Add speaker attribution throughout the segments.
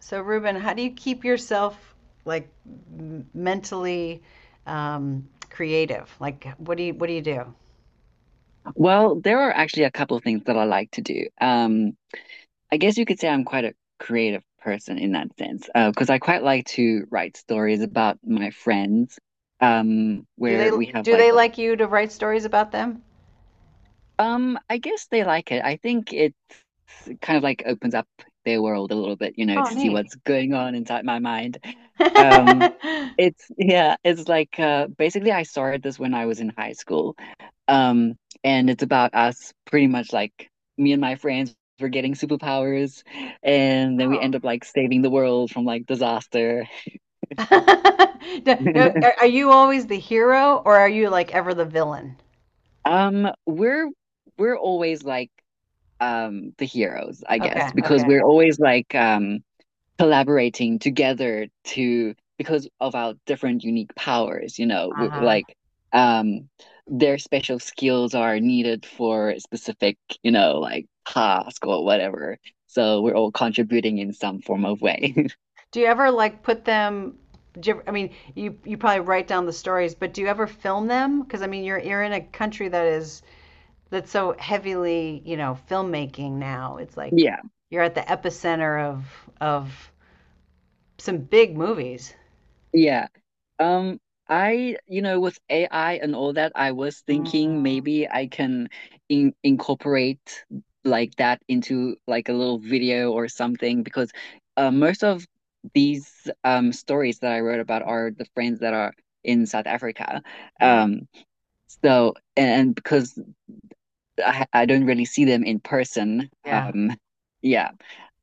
Speaker 1: So, Ruben, how do you keep yourself like mentally creative? Like, what do you do?
Speaker 2: Well, there are actually a couple of things that I like to do. I guess you could say I'm quite a creative person in that sense, because I quite like to write stories about my friends,
Speaker 1: Do they
Speaker 2: where we have
Speaker 1: do
Speaker 2: like,
Speaker 1: they like you to write stories about them?
Speaker 2: I guess they like it. I think it kind of like opens up their world a little bit, you know,
Speaker 1: Oh,
Speaker 2: to see
Speaker 1: neat.
Speaker 2: what's going on inside my mind. Um, it's yeah, it's like Basically, I started this when I was in high school. Um, and it's about us pretty much like me and my friends were getting superpowers, and then we end up like saving the world from like disaster.
Speaker 1: Oh. No, no, are you always the hero or are you like ever the villain?
Speaker 2: Um, we're we're always like the heroes, I guess,
Speaker 1: Okay,
Speaker 2: because
Speaker 1: okay.
Speaker 2: we're always like collaborating together to because of our different unique powers, you know, we,
Speaker 1: Uh-huh.
Speaker 2: like um their special skills are needed for a specific, you know, like task or whatever. So we're all contributing in some form of way.
Speaker 1: Do you ever like put them? I mean, you probably write down the stories, but do you ever film them? Because I mean, you're in a country that is that's so heavily, you know, filmmaking now. It's like
Speaker 2: Yeah.
Speaker 1: you're at the epicenter of some big movies.
Speaker 2: Yeah. Um, I, you know, with AI and all that, I was
Speaker 1: Mm.
Speaker 2: thinking maybe I can in incorporate like that into like a little video or something, because most of these stories that I wrote about are the friends that are in South Africa.
Speaker 1: Oh.
Speaker 2: Um, so, and because I don't really see them in person,
Speaker 1: Yeah.
Speaker 2: yeah,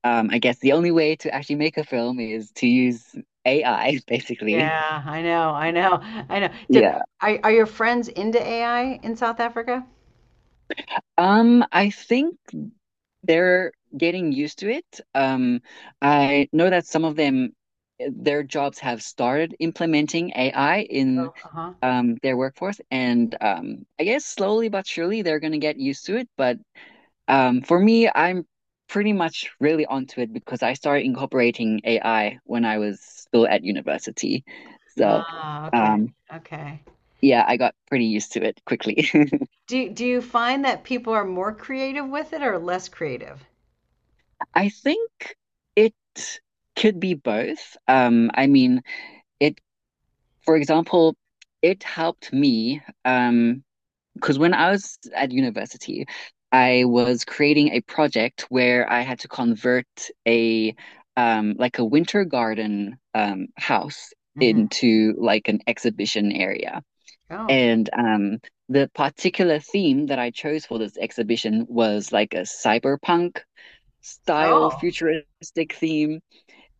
Speaker 2: I guess the only way to actually make a film is to use AI, basically.
Speaker 1: Yeah, I know. I know. I know. Do,
Speaker 2: Yeah.
Speaker 1: are your friends into AI in South Africa?
Speaker 2: I think they're getting used to it. I know that some of them, their jobs have started implementing AI in
Speaker 1: Oh, uh-huh.
Speaker 2: their workforce, and I guess slowly but surely they're going to get used to it. But for me, I'm pretty much really onto it because I started incorporating AI when I was still at university. So,
Speaker 1: Ah, okay.
Speaker 2: um,
Speaker 1: Okay.
Speaker 2: yeah, I got pretty used to it quickly.
Speaker 1: Do you find that people are more creative with it or less creative?
Speaker 2: I think it could be both. I mean, it, for example, it helped me, because when I was at university, I was creating a project where I had to convert a like a winter garden house
Speaker 1: Mm hmm.
Speaker 2: into like an exhibition area.
Speaker 1: Oh.
Speaker 2: And the particular theme that I chose for this exhibition was like a cyberpunk style
Speaker 1: Oh.
Speaker 2: futuristic theme,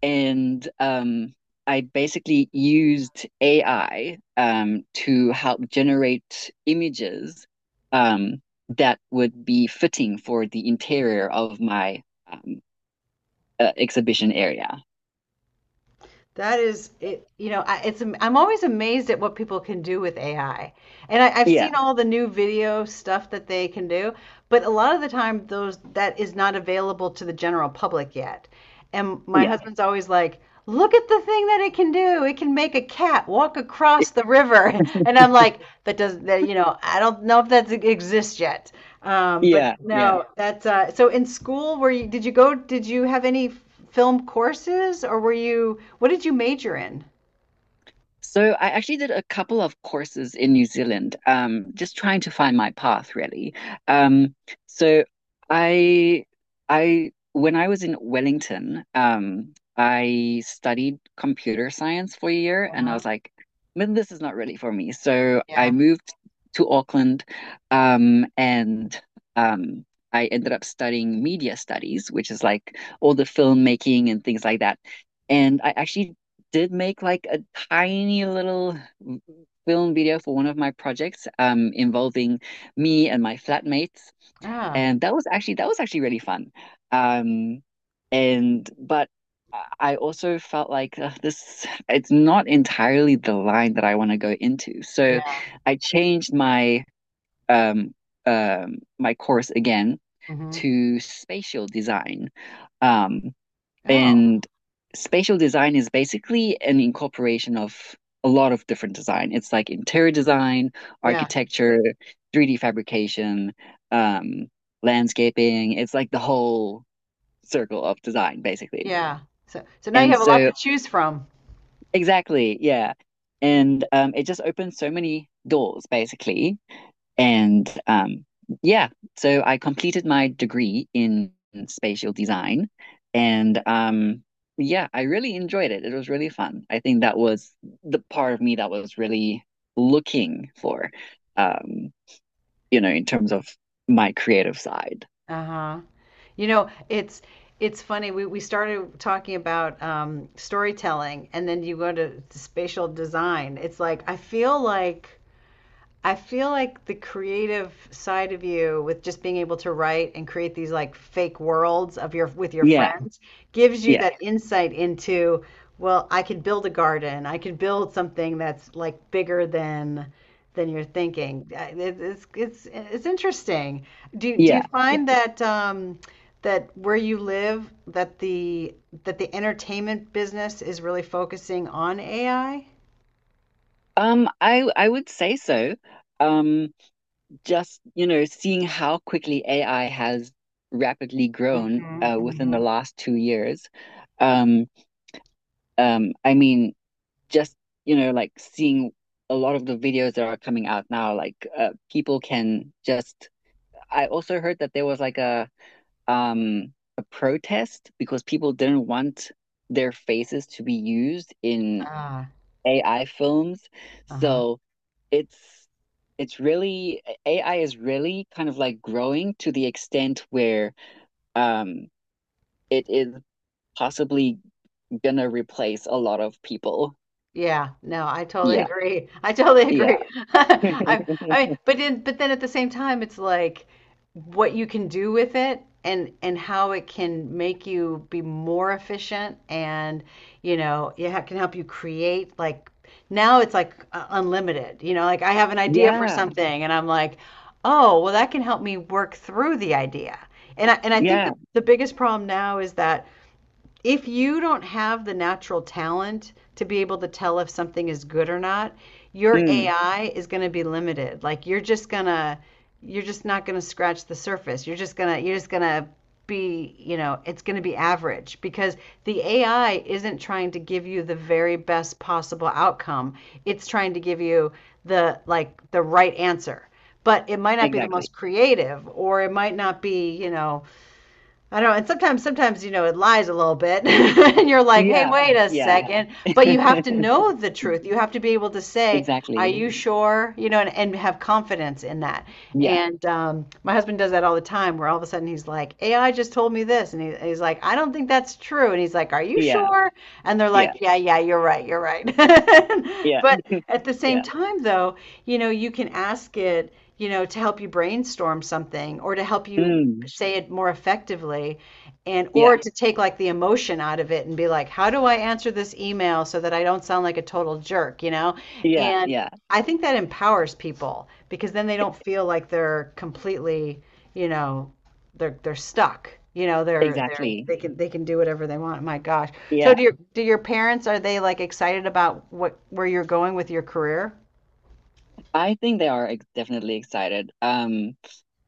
Speaker 2: and I basically used AI to help generate images um, that would be fitting for the interior of my um, exhibition area.
Speaker 1: That is, it, you know, it's I'm always amazed at what people can do with AI. And I've
Speaker 2: Yeah,
Speaker 1: seen all the new video stuff that they can do, but a lot of the time those that is not available to the general public yet. And my
Speaker 2: yeah,
Speaker 1: husband's always like, "Look at the thing that it can do. It can make a cat walk across the river." And I'm like, "That doesn't that, you know, I don't know if that exists yet." But
Speaker 2: yeah, yeah.
Speaker 1: no, that's so in school, did you go, did you have any film courses or were you, what did you major in?
Speaker 2: So I actually did a couple of courses in New Zealand, just trying to find my path really. Um, so I, I, when I was in Wellington, I studied computer science for a year, and I
Speaker 1: Uh-huh.
Speaker 2: was like, "Man, this is not really for me." So I
Speaker 1: Yeah.
Speaker 2: moved to Auckland, and um, I ended up studying media studies, which is like all the filmmaking and things like that. And I actually did make like a tiny little mm, film video for one of my projects, involving me and my flatmates,
Speaker 1: Ah.
Speaker 2: and that was actually really fun. Um, and but I also felt like this it's not entirely the line that I want to go into, so
Speaker 1: Yeah.
Speaker 2: I changed my um, my course again
Speaker 1: Hmm.
Speaker 2: to spatial design. Um,
Speaker 1: Oh,
Speaker 2: and spatial design is basically an incorporation of a lot of different design. It's like interior design,
Speaker 1: yeah,
Speaker 2: architecture, 3D fabrication, um, landscaping. It's like the whole circle of design, basically.
Speaker 1: yeah. So, so now you
Speaker 2: And
Speaker 1: have a lot
Speaker 2: so,
Speaker 1: to choose from.
Speaker 2: exactly, yeah. And it just opens so many doors, basically. And yeah, so I completed my degree in spatial design. And yeah, I really enjoyed it. It was really fun. I think that was the part of me that was really looking for, um, you know, in terms of my creative side.
Speaker 1: Uh-huh. You know, it's funny. We started talking about storytelling, and then you go to spatial design. It's like I feel like I feel like the creative side of you with just being able to write and create these like fake worlds of your with your
Speaker 2: Yeah,
Speaker 1: friends gives you
Speaker 2: yeah,
Speaker 1: that insight into, well, I could build a garden. I could build something that's like bigger than you're thinking. It's it's interesting. Do you
Speaker 2: yeah, yeah.
Speaker 1: find that that where you live that the entertainment business is really focusing on AI?
Speaker 2: I would say so. Um, just, you know, seeing how quickly AI has rapidly grown,
Speaker 1: Mm-hmm,
Speaker 2: within
Speaker 1: mm-hmm.
Speaker 2: the last 2 years. Um, I mean, just, you know, like seeing a lot of the videos that are coming out now, like people can just. I also heard that there was like um a protest because people didn't want their faces to be used in
Speaker 1: Ah,
Speaker 2: AI films.
Speaker 1: uh-huh.
Speaker 2: So it's it's really AI is really kind of like growing to the extent where um it is possibly gonna replace a lot of people.
Speaker 1: Yeah, no, I totally
Speaker 2: Yeah.
Speaker 1: agree. I totally
Speaker 2: Yeah.
Speaker 1: agree. I mean, but then at the same time, it's like what you can do with it and how it can make you be more efficient and you know, yeah, it can help you create like now it's like unlimited. You know, like I have an idea for
Speaker 2: Yeah,
Speaker 1: something and I'm like, "Oh, well that can help me work through the idea." And I think
Speaker 2: yeah,
Speaker 1: the biggest problem now is that if you don't have the natural talent to be able to tell if something is good or not, your
Speaker 2: mm,
Speaker 1: AI is going to be limited. Like you're just not going to scratch the surface. You're just going to be, you know, it's going to be average because the AI isn't trying to give you the very best possible outcome. It's trying to give you the like the right answer. But it might not be the
Speaker 2: exactly.
Speaker 1: most creative or it might not be, you know, I don't know. And sometimes you know, it lies a little bit, and you're like, "Hey,
Speaker 2: Yeah,
Speaker 1: wait a
Speaker 2: yeah,
Speaker 1: second. But you have to know the truth. You have to be able to say, "Are
Speaker 2: exactly.
Speaker 1: you sure?" You know, and have confidence in that.
Speaker 2: Yeah,
Speaker 1: And my husband does that all the time, where all of a sudden he's like, "AI just told me this," and he's like, "I don't think that's true." And he's like, "Are you
Speaker 2: yeah,
Speaker 1: sure?" And they're
Speaker 2: yeah,
Speaker 1: like, "Yeah, yeah, you're right, you're right."
Speaker 2: yeah,
Speaker 1: But at the same
Speaker 2: yeah,
Speaker 1: time, though, you know, you can ask it. You know, to help you brainstorm something or to help you
Speaker 2: mm,
Speaker 1: say it more effectively and
Speaker 2: yeah,
Speaker 1: or to take like the emotion out of it and be like, how do I answer this email so that I don't sound like a total jerk, you know,
Speaker 2: yeah,
Speaker 1: and
Speaker 2: yeah,
Speaker 1: I think that empowers people because then they
Speaker 2: e-
Speaker 1: don't feel like they're completely, you know, they're stuck, you know, they're
Speaker 2: exactly.
Speaker 1: they can do whatever they want, my gosh. So
Speaker 2: Yeah,
Speaker 1: do your parents, are they like excited about what where you're going with your career?
Speaker 2: I think they are ex definitely excited.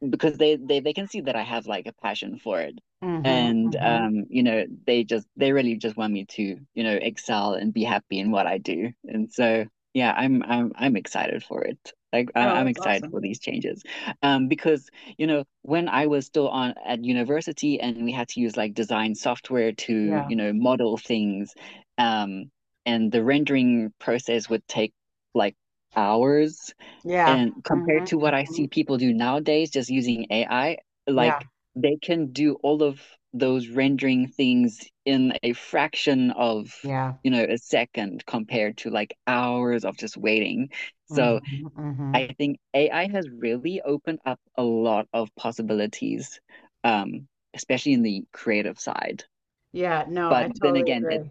Speaker 2: Because they they can see that I have like a passion for it.
Speaker 1: Mm-hmm,
Speaker 2: And
Speaker 1: mm-hmm.
Speaker 2: you know, they really just want me to, you know, excel and be happy in what I do. And so yeah, I'm I'm excited for it. Like
Speaker 1: Oh,
Speaker 2: I'm
Speaker 1: that's
Speaker 2: excited
Speaker 1: awesome.
Speaker 2: for these changes. Because you know, when I was still on at university and we had to use like design software to,
Speaker 1: Yeah,
Speaker 2: you know, model things, um, and the rendering process would take like hours,
Speaker 1: yeah.
Speaker 2: and compared
Speaker 1: Mm-hmm,
Speaker 2: to what I
Speaker 1: mm-hmm.
Speaker 2: see people do nowadays, just using AI,
Speaker 1: Yeah.
Speaker 2: like they can do all of those rendering things in a fraction of,
Speaker 1: Yeah.
Speaker 2: you know, a second compared to like hours of just waiting.
Speaker 1: Mhm,
Speaker 2: So
Speaker 1: mhm.
Speaker 2: I think AI has really opened up a lot of possibilities, um, especially in the creative side.
Speaker 1: Yeah, no,
Speaker 2: But
Speaker 1: I
Speaker 2: then
Speaker 1: totally
Speaker 2: again, it's
Speaker 1: agree.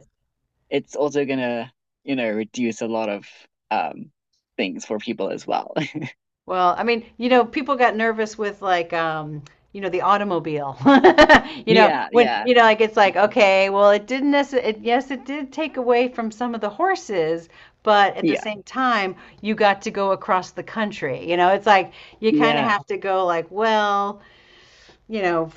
Speaker 2: also gonna, you know, reduce a lot of um, things for people as well.
Speaker 1: Well, I mean, you know, people got nervous with like, you know, the automobile. You know,
Speaker 2: Yeah,
Speaker 1: when,
Speaker 2: yeah,
Speaker 1: you know, like it's like, okay, well, it didn't necessarily, it, yes, it did take away from some of the horses, but at the
Speaker 2: yeah.
Speaker 1: same time, you got to go across the country. You know, it's like you kind of
Speaker 2: Yeah,
Speaker 1: have to go like, well, you know,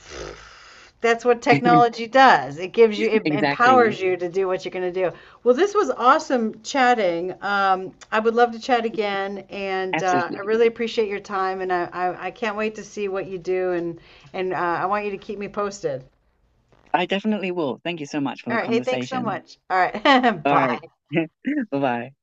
Speaker 1: that's what technology does. It gives you, it
Speaker 2: exactly.
Speaker 1: empowers you to do what you're going to do. Well, this was awesome chatting. I would love to chat again, and I
Speaker 2: Absolutely.
Speaker 1: really appreciate your time, and I can't wait to see what you do, and I want you to keep me posted.
Speaker 2: I definitely will. Thank you so much for
Speaker 1: All
Speaker 2: the
Speaker 1: right. Hey, thanks so
Speaker 2: conversation.
Speaker 1: much. All right.
Speaker 2: All right.
Speaker 1: Bye.
Speaker 2: Bye bye.